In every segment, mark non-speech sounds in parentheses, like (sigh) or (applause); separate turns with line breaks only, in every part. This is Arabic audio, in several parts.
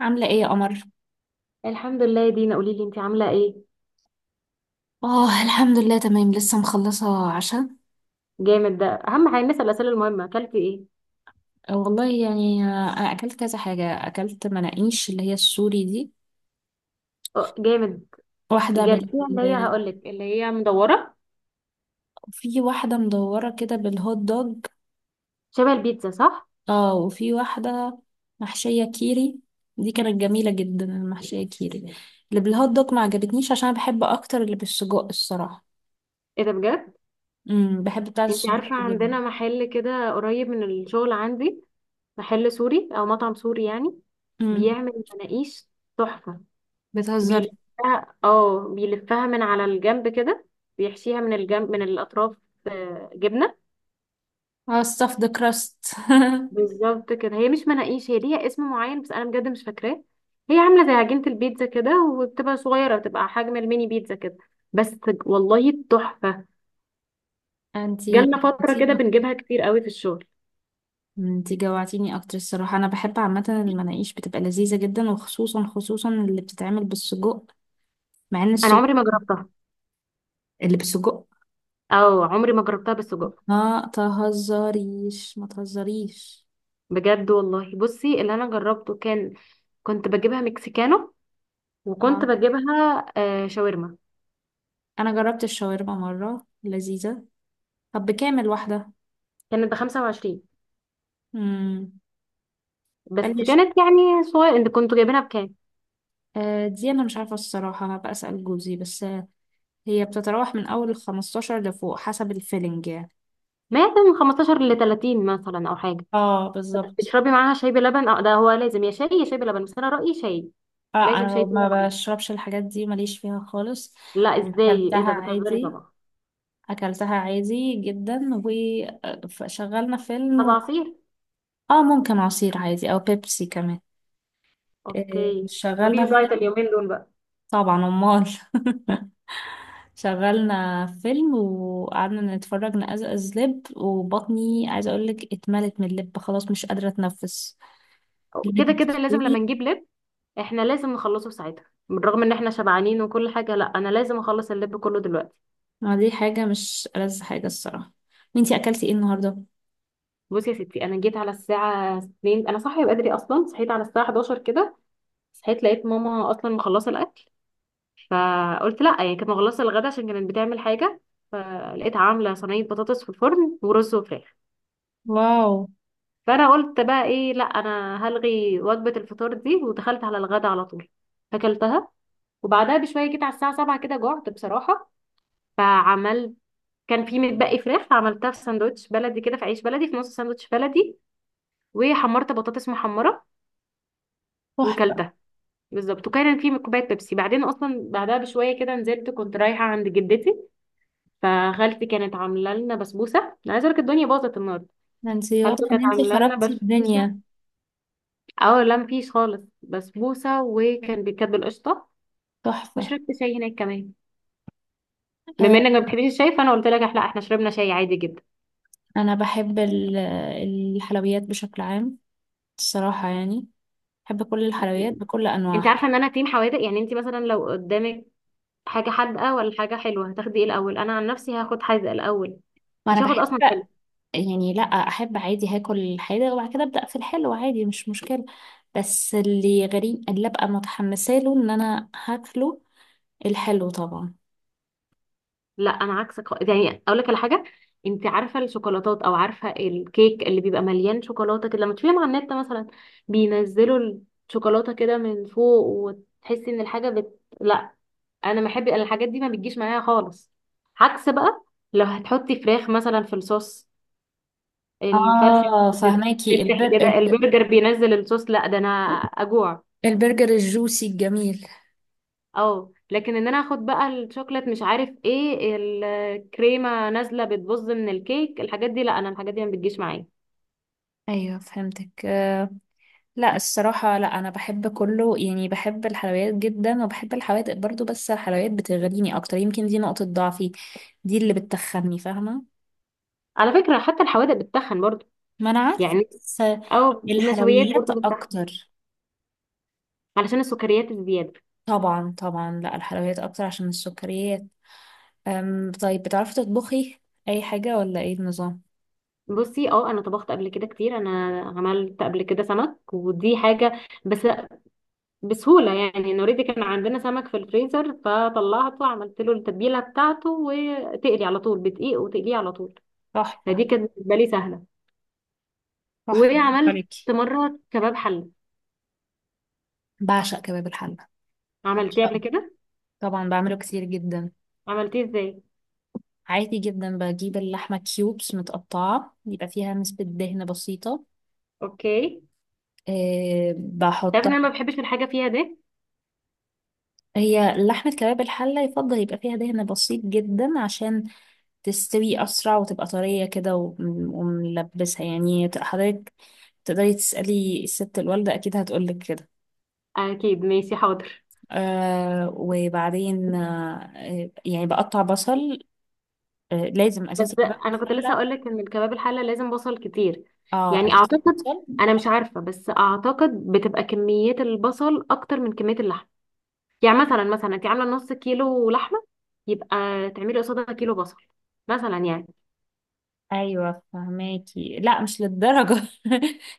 عاملة ايه يا قمر؟
الحمد لله يا دينا، قولي لي انت عامله ايه؟
اه، الحمد لله تمام، لسه مخلصة عشاء.
جامد. ده اهم حاجه، نسال الاسئله المهمه. اكلتي ايه؟
والله يعني اكلت كذا حاجة، اكلت مناقيش اللي هي السوري دي.
اه، جامد.
واحدة بال
جربتيها اللي هي، هقول لك، اللي هي مدوره؟
في واحدة مدورة كده بالهوت دوج.
شبه البيتزا، صح؟
اه، وفي واحدة محشية كيري. دي كانت جميلة جدا، المحشية كيري. اللي بالهوت دوج ما عجبتنيش، عشان انا بحب اكتر اللي بالسجق الصراحة.
ايه ده بجد؟
بحب بتاعة
انت
السجق
عارفه،
جدا.
عندنا محل كده قريب من الشغل عندي. محل سوري او مطعم سوري يعني.
امم.
بيعمل مناقيش. تحفه.
بتهزري؟
بيلفها من على الجنب كده. بيحشيها من الجنب، من الاطراف. اه، جبنه.
اه، stuff the crust.
بالظبط كده. هي مش مناقيش، هي ليها اسم معين بس انا بجد مش فاكراه. هي عامله زي عجينه البيتزا كده. وبتبقى صغيره، بتبقى حجم الميني بيتزا كده. بس. والله تحفه.
(laughs) انتي
جالنا فتره
بتيجي؟
كده بنجيبها كتير قوي في الشغل.
انت جوعتيني اكتر الصراحة، انا بحب عامة المناقيش بتبقى لذيذة جدا، وخصوصا خصوصا اللي بتتعمل بالسجق. مع ان
انا
السجق،
عمري ما جربتها.
اللي بالسجق.
او عمري ما جربتها بالسجق.
ما تهزريش ما تهزريش.
بجد والله. بصي، اللي انا جربته كان، كنت بجيبها مكسيكانو. وكنت
اه،
بجيبها شاورما.
انا جربت الشاورما مرة، لذيذة. طب بكامل واحدة؟
كانت ب 25.
امم.
بس
قاليش.
كانت يعني صغيره، انت كنتوا جايبينها بكام؟
آه، دي انا مش عارفة الصراحة، هبقى اسأل جوزي، بس هي بتتراوح من اول 15 لفوق، حسب الفيلنج يعني.
ما كان 15 ل 30 مثلا او حاجه؟
اه، بالظبط.
تشربي معاها شاي بلبن؟ اه، ده هو لازم يا شاي يا شاي بلبن بس انا رأيي شاي.
اه،
لازم
انا
شاي تاني
ما
معاها.
بشربش الحاجات دي، ماليش فيها خالص.
لا، ازاي؟ ايه
اكلتها
ده، بتهزري؟
عادي،
طبعا.
اكلتها عادي جدا، وشغلنا فيلم
طب عصير؟
اه، ممكن عصير عادي او بيبسي كمان. إيه،
اوكي.
شغلنا
مفيش دايت
فيلم.
اليومين دول بقى.
طبعا، امال. (laughs) شغلنا فيلم وقعدنا نتفرج نقزقز لب، وبطني عايزه اقول لك اتملت من اللب خلاص، مش قادره اتنفس.
كده
اللب
كده لازم لما
تقيل.
نجيب لب. احنا لازم نخلصه في ساعتها بالرغم ان احنا شبعانين وكل حاجة. لا، انا لازم اخلص اللب كله دلوقتي.
ما دي حاجه، مش ألذ حاجه الصراحه. وانتي اكلتي ايه النهارده؟
بصي يا ستي، انا جيت على الساعة 2، انا صاحية بدري اصلا، صحيت على الساعة 11 كده. صحيت لقيت ماما اصلا مخلصة الاكل. فقلت لا، هي كانت مخلصه الغدا عشان كانت بتعمل حاجه. فلقيتها عامله صينيه بطاطس في الفرن ورز وفراخ.
واو.
فانا قلت بقى ايه، لا انا هلغي وجبه الفطار دي، ودخلت على الغدا على طول. فاكلتها. وبعدها بشويه جيت على الساعه 7 كده، جعت بصراحه. فعملت. كان في متبقي فراخ، عملتها في ساندوتش بلدي كده، في عيش بلدي، في نص ساندوتش بلدي. وحمرت بطاطس محمره.
تحفة.
وكلتها. بالظبط. وكان في كوبايه بيبسي بعدين. اصلا بعدها بشويه كده نزلت، كنت رايحه عند جدتي. فخالتي كانت عامله لنا بسبوسه، انا عايزه اقولك الدنيا باظت النهارده.
ده انت
خالته
واضح ان
كانت
انت
عامله لنا
خربتي
بسبوسه.
الدنيا.
اه لا، مفيش خالص بسبوسه وكان بيتكتب بالقشطه.
تحفة.
وشربت شاي هناك كمان. بما
آه،
انك ما بتحبيش الشاي فانا قلت لك لا، احنا شربنا شاي عادي جدا.
انا بحب الحلويات بشكل عام، الصراحة يعني. بحب كل الحلويات بكل
انت
انواعها.
عارفه ان انا تيم حوادق، يعني انت مثلا لو قدامك حاجه حادقه ولا حاجه حلوه هتاخدي ايه الاول؟ انا عن نفسي هاخد حادقه الاول.
وانا
مش هاخد
بحب
اصلا.
يعني، لا احب عادي، هاكل الحادق وبعد كده ابدا في الحلو عادي، مش مشكلة. بس اللي غريب اللي ابقى متحمسه له ان انا هاكله الحلو طبعا.
لا، انا عكسك خالص. يعني اقول لك على حاجه، انت عارفه الشوكولاتات او عارفه الكيك اللي بيبقى مليان شوكولاته كده لما تشوفيهم على النت مثلا، بينزلوا الشوكولاته كده من فوق وتحسي ان الحاجه لا، انا ما بحب الحاجات دي، ما بتجيش معايا خالص. عكس بقى، لو هتحطي فراخ مثلا في الصوص، الفرخه
اه، فهماكي
بتفتح كده، البرجر بينزل الصوص، لا ده انا اجوع.
البرجر الجوسي الجميل.
اه لكن ان انا اخد بقى الشوكليت مش عارف ايه، الكريمه نازله بتبظ من الكيك، الحاجات دي لا، انا الحاجات دي ما بتجيش معايا.
ايوه، فهمتك. لا الصراحة، لا أنا بحب كله يعني، بحب الحلويات جدا وبحب الحوادق برضو، بس الحلويات بتغريني أكتر، يمكن دي نقطة ضعفي، دي اللي بتخني، فاهمة.
على فكره حتى الحوادق بتتخن برضو.
ما انا عارفه،
يعني،
بس
او النشويات
الحلويات
برضو بتتخن
اكتر.
علشان السكريات الزياده.
طبعا طبعا، لا الحلويات أكتر عشان السكريات. طيب، بتعرفي تطبخي أي حاجة ولا إيه النظام؟
بصي، انا طبخت قبل كده كتير، انا عملت قبل كده سمك ودي حاجه، بس بسهوله يعني. انا اوريدي كان عندنا سمك في الفريزر فطلعته، عملت له التتبيله بتاعته وتقلي على طول بدقيق وتقليه على طول.
تحفه.
فدي كانت بالنسبه لي سهله.
تحفه، برافو
وعملت
عليكي.
مرة كباب حلة.
بعشق كباب الحلة.
عملتيه قبل
بعشقه.
كده؟
طبعا، بعمله كتير جدا.
عملتيه ازاي؟
عادي جدا، بجيب اللحمة كيوبس متقطعة، يبقى فيها نسبة دهن بسيطة.
اوكي. تعرف
بحطها.
ان انا ما بحبش الحاجة فيها ده.
هي لحمة كباب الحلة يفضل يبقى فيها دهن بسيط جدا، عشان تستوي أسرع وتبقى طرية كده وملبسها يعني حضرتك تقدري تسألي الست الوالدة، أكيد هتقولك كده.
اكيد، ماشي، حاضر.
آه، وبعدين يعني بقطع بصل. آه، لازم
بس
أساسي كباب
انا كنت لسه
الحلة.
اقول لك ان الكباب الحلة لازم بصل كتير.
اه،
يعني
أساسي
اعتقد،
بصل.
انا مش عارفة بس اعتقد بتبقى كمية البصل اكتر من كمية اللحم. يعني مثلا انت عاملة نص كيلو لحمة، يبقى تعملي قصادها كيلو بصل، مثلا يعني.
أيوة، فهماكي. لا، مش للدرجة. (laughs)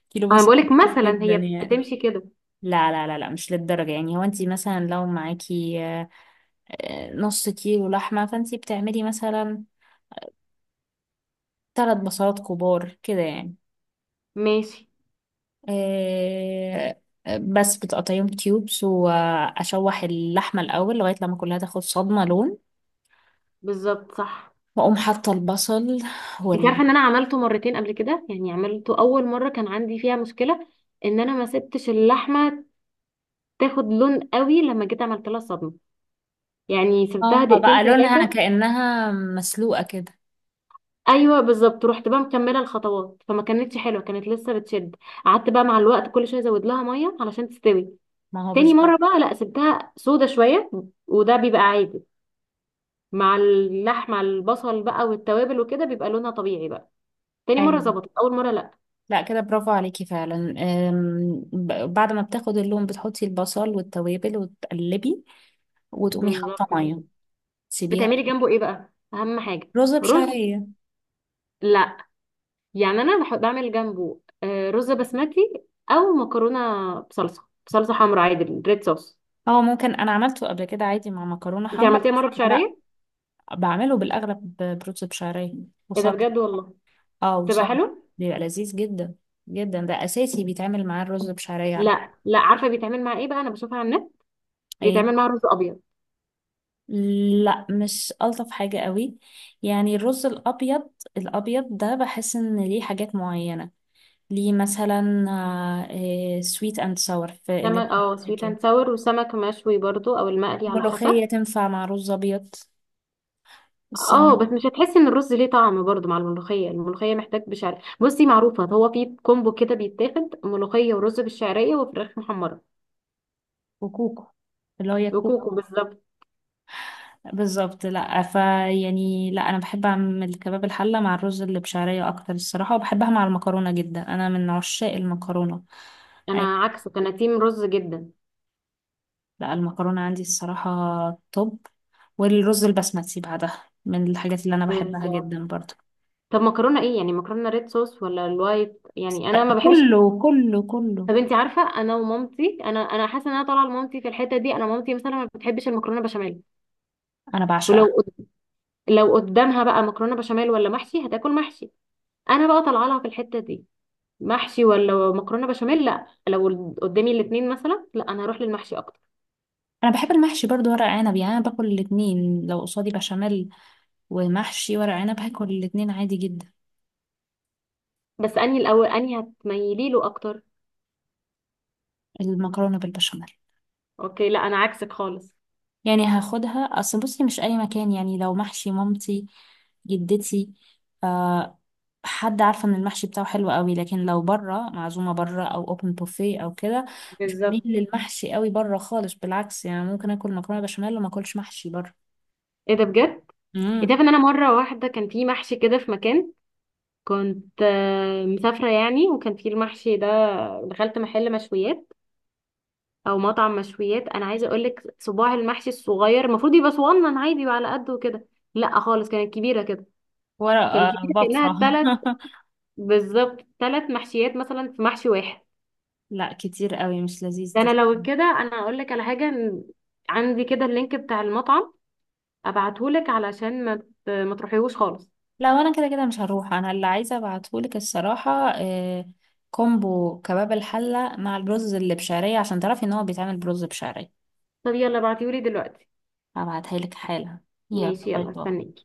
كيلو
انا
بصل
بقولك
كتير
مثلا
جدا
هي
يعني.
بتمشي كده.
لا لا لا لا، مش للدرجة يعني، هو انت مثلا لو معاكي نص كيلو لحمة، فانت بتعملي مثلا ثلاث بصلات كبار كده يعني.
ماشي.
آه، بس بتقطعيهم كيوبس، واشوح اللحمة الاول لغاية لما كلها تاخد صدمة لون،
بالظبط صح.
واقوم حاطة البصل
انت
وال
عارفه ان انا عملته مرتين قبل كده، يعني عملته اول مره كان عندي فيها مشكله، ان انا ما سبتش اللحمه تاخد لون قوي، لما جيت عملت لها صدمه يعني سبتها
اه،
دقيقتين
بقى لونها
3.
كأنها مسلوقة كده.
ايوه بالظبط. رحت بقى مكمله الخطوات فما كانتش حلوه، كانت لسه بتشد. قعدت بقى مع الوقت كل شويه ازود لها ميه علشان تستوي.
ما هو
تاني مره
بالظبط.
بقى لا، سبتها سودة شويه، وده بيبقى عادي مع اللحمه، البصل بقى والتوابل وكده بيبقى لونها طبيعي بقى. تاني مره
ايوه.
ظبطت، اول مره لا.
لا كده، برافو عليكي فعلا. بعد ما بتاخد اللون بتحطي البصل والتوابل وتقلبي، وتقومي
بالظبط
حاطه
كده.
ميه. تسيبيها.
بتعملي جنبه ايه بقى اهم حاجه؟
رز
رز.
بشعريه.
لا، يعني انا بحط بعمل جنبه رز بسمتي، او مكرونه بصلصه حمراء عادي، ريد صوص.
اه، ممكن، انا عملته قبل كده عادي مع مكرونه
انت
حمرا،
عملتيها
بس
مره
لا.
بشعريه؟
بعمله بالاغلب برز بشعريه
ايه ده
وصد.
بجد والله.
اه،
بتبقى
وصد.
حلو؟
بيبقى لذيذ جدا جدا، ده اساسي بيتعمل معاه الرز بشعريه على فكره.
لا لا، عارفه بيتعمل مع ايه بقى، انا بشوفها على النت
ايه،
بيتعمل مع رز ابيض.
لا مش الطف حاجه قوي، يعني الرز الابيض. الابيض ده بحس ان ليه حاجات معينه. ليه مثلا سويت اند ساور، في اللي
سمك، اه
هي
سويت
كده
اند ساور وسمك مشوي برضو او المقلي على
ملوخية
حسب.
تنفع مع رز أبيض،
اه
السمك.
بس مش هتحسي ان الرز ليه طعم برضو مع الملوخيه، الملوخيه محتاج بشعريه. بصي معروفه، هو في كومبو كده بيتاخد ملوخيه ورز بالشعريه وفراخ محمره
وكوكو، اللي هو يا كوكو.
وكوكو. بالظبط.
بالظبط. لا، فيعني لا أنا بحب أعمل كباب الحلة مع الرز اللي بشعرية أكتر الصراحة، وبحبها مع المكرونة جدا، أنا من عشاق المكرونة.
انا
أي.
عكسك، انا تيم رز جدا.
لا المكرونة عندي الصراحة توب، والرز البسمتي بعدها من الحاجات اللي أنا بحبها
بالظبط.
جدا برضه.
طب مكرونه ايه يعني، مكرونه ريد صوص ولا الوايت؟ يعني انا ما بحبش.
كله كله كله.
طب انت عارفه، انا ومامتي، انا حاسه ان انا طالعه لمامتي في الحته دي. انا مامتي مثلا ما بتحبش المكرونه بشاميل.
أنا
ولو
بعشقها.
قد- لو قدامها بقى مكرونه بشاميل ولا محشي هتاكل محشي. انا بقى طالعه لها في الحته دي، محشي ولا مكرونه بشاميل. لا لو قدامي الاثنين مثلا، لا انا هروح للمحشي اكتر.
انا بحب المحشي برضو، ورق عنب، يعني انا باكل الاتنين، لو قصادي بشاميل ومحشي ورق عنب هاكل الاتنين عادي جدا.
بس انهي الاول، انهي هتميلي له اكتر؟
المكرونه بالبشاميل.
اوكي، لا انا عكسك خالص.
يعني هاخدها، اصل بصي، مش اي مكان، يعني لو محشي مامتي، جدتي، آه حد عارفه ان المحشي بتاعه حلو قوي، لكن لو بره، معزومه بره او اوبن بوفيه او كده، مش بميل
بالظبط.
للمحشي قوي بره خالص، بالعكس يعني، ممكن اكل مكرونه بشاميل وما اكلش محشي بره.
ايه ده بجد. انت
امم.
عارفه ان انا مره واحده كان في محشي كده في مكان، كنت مسافره يعني، وكان في المحشي ده. دخلت محل مشويات، او مطعم مشويات، انا عايزه اقول لك، صباع المحشي الصغير المفروض يبقى صغنن عادي وعلى قده كده. لا خالص، كانت كبيره كده.
ورق
كان كبيره كانها
بفرة.
3،
(laughs)
بالظبط 3 محشيات مثلا في محشي واحد.
لا كتير قوي، مش لذيذ
ده
ده.
انا لو كده انا اقول لك على حاجه، إن عندي كده اللينك بتاع المطعم، ابعتهولك علشان ما تروحيهوش خالص.
لا، وانا كده كده مش هروح، انا اللي عايزه ابعتهولك الصراحه. آه، كومبو كباب الحله مع الرز اللي بشعريه عشان تعرفي ان هو بيتعمل برز بشعريه.
طب يلا ابعتيهولي دلوقتي.
هبعتها لك حالا. يلا
ماشي
باي
يلا،
باي.
استنيك.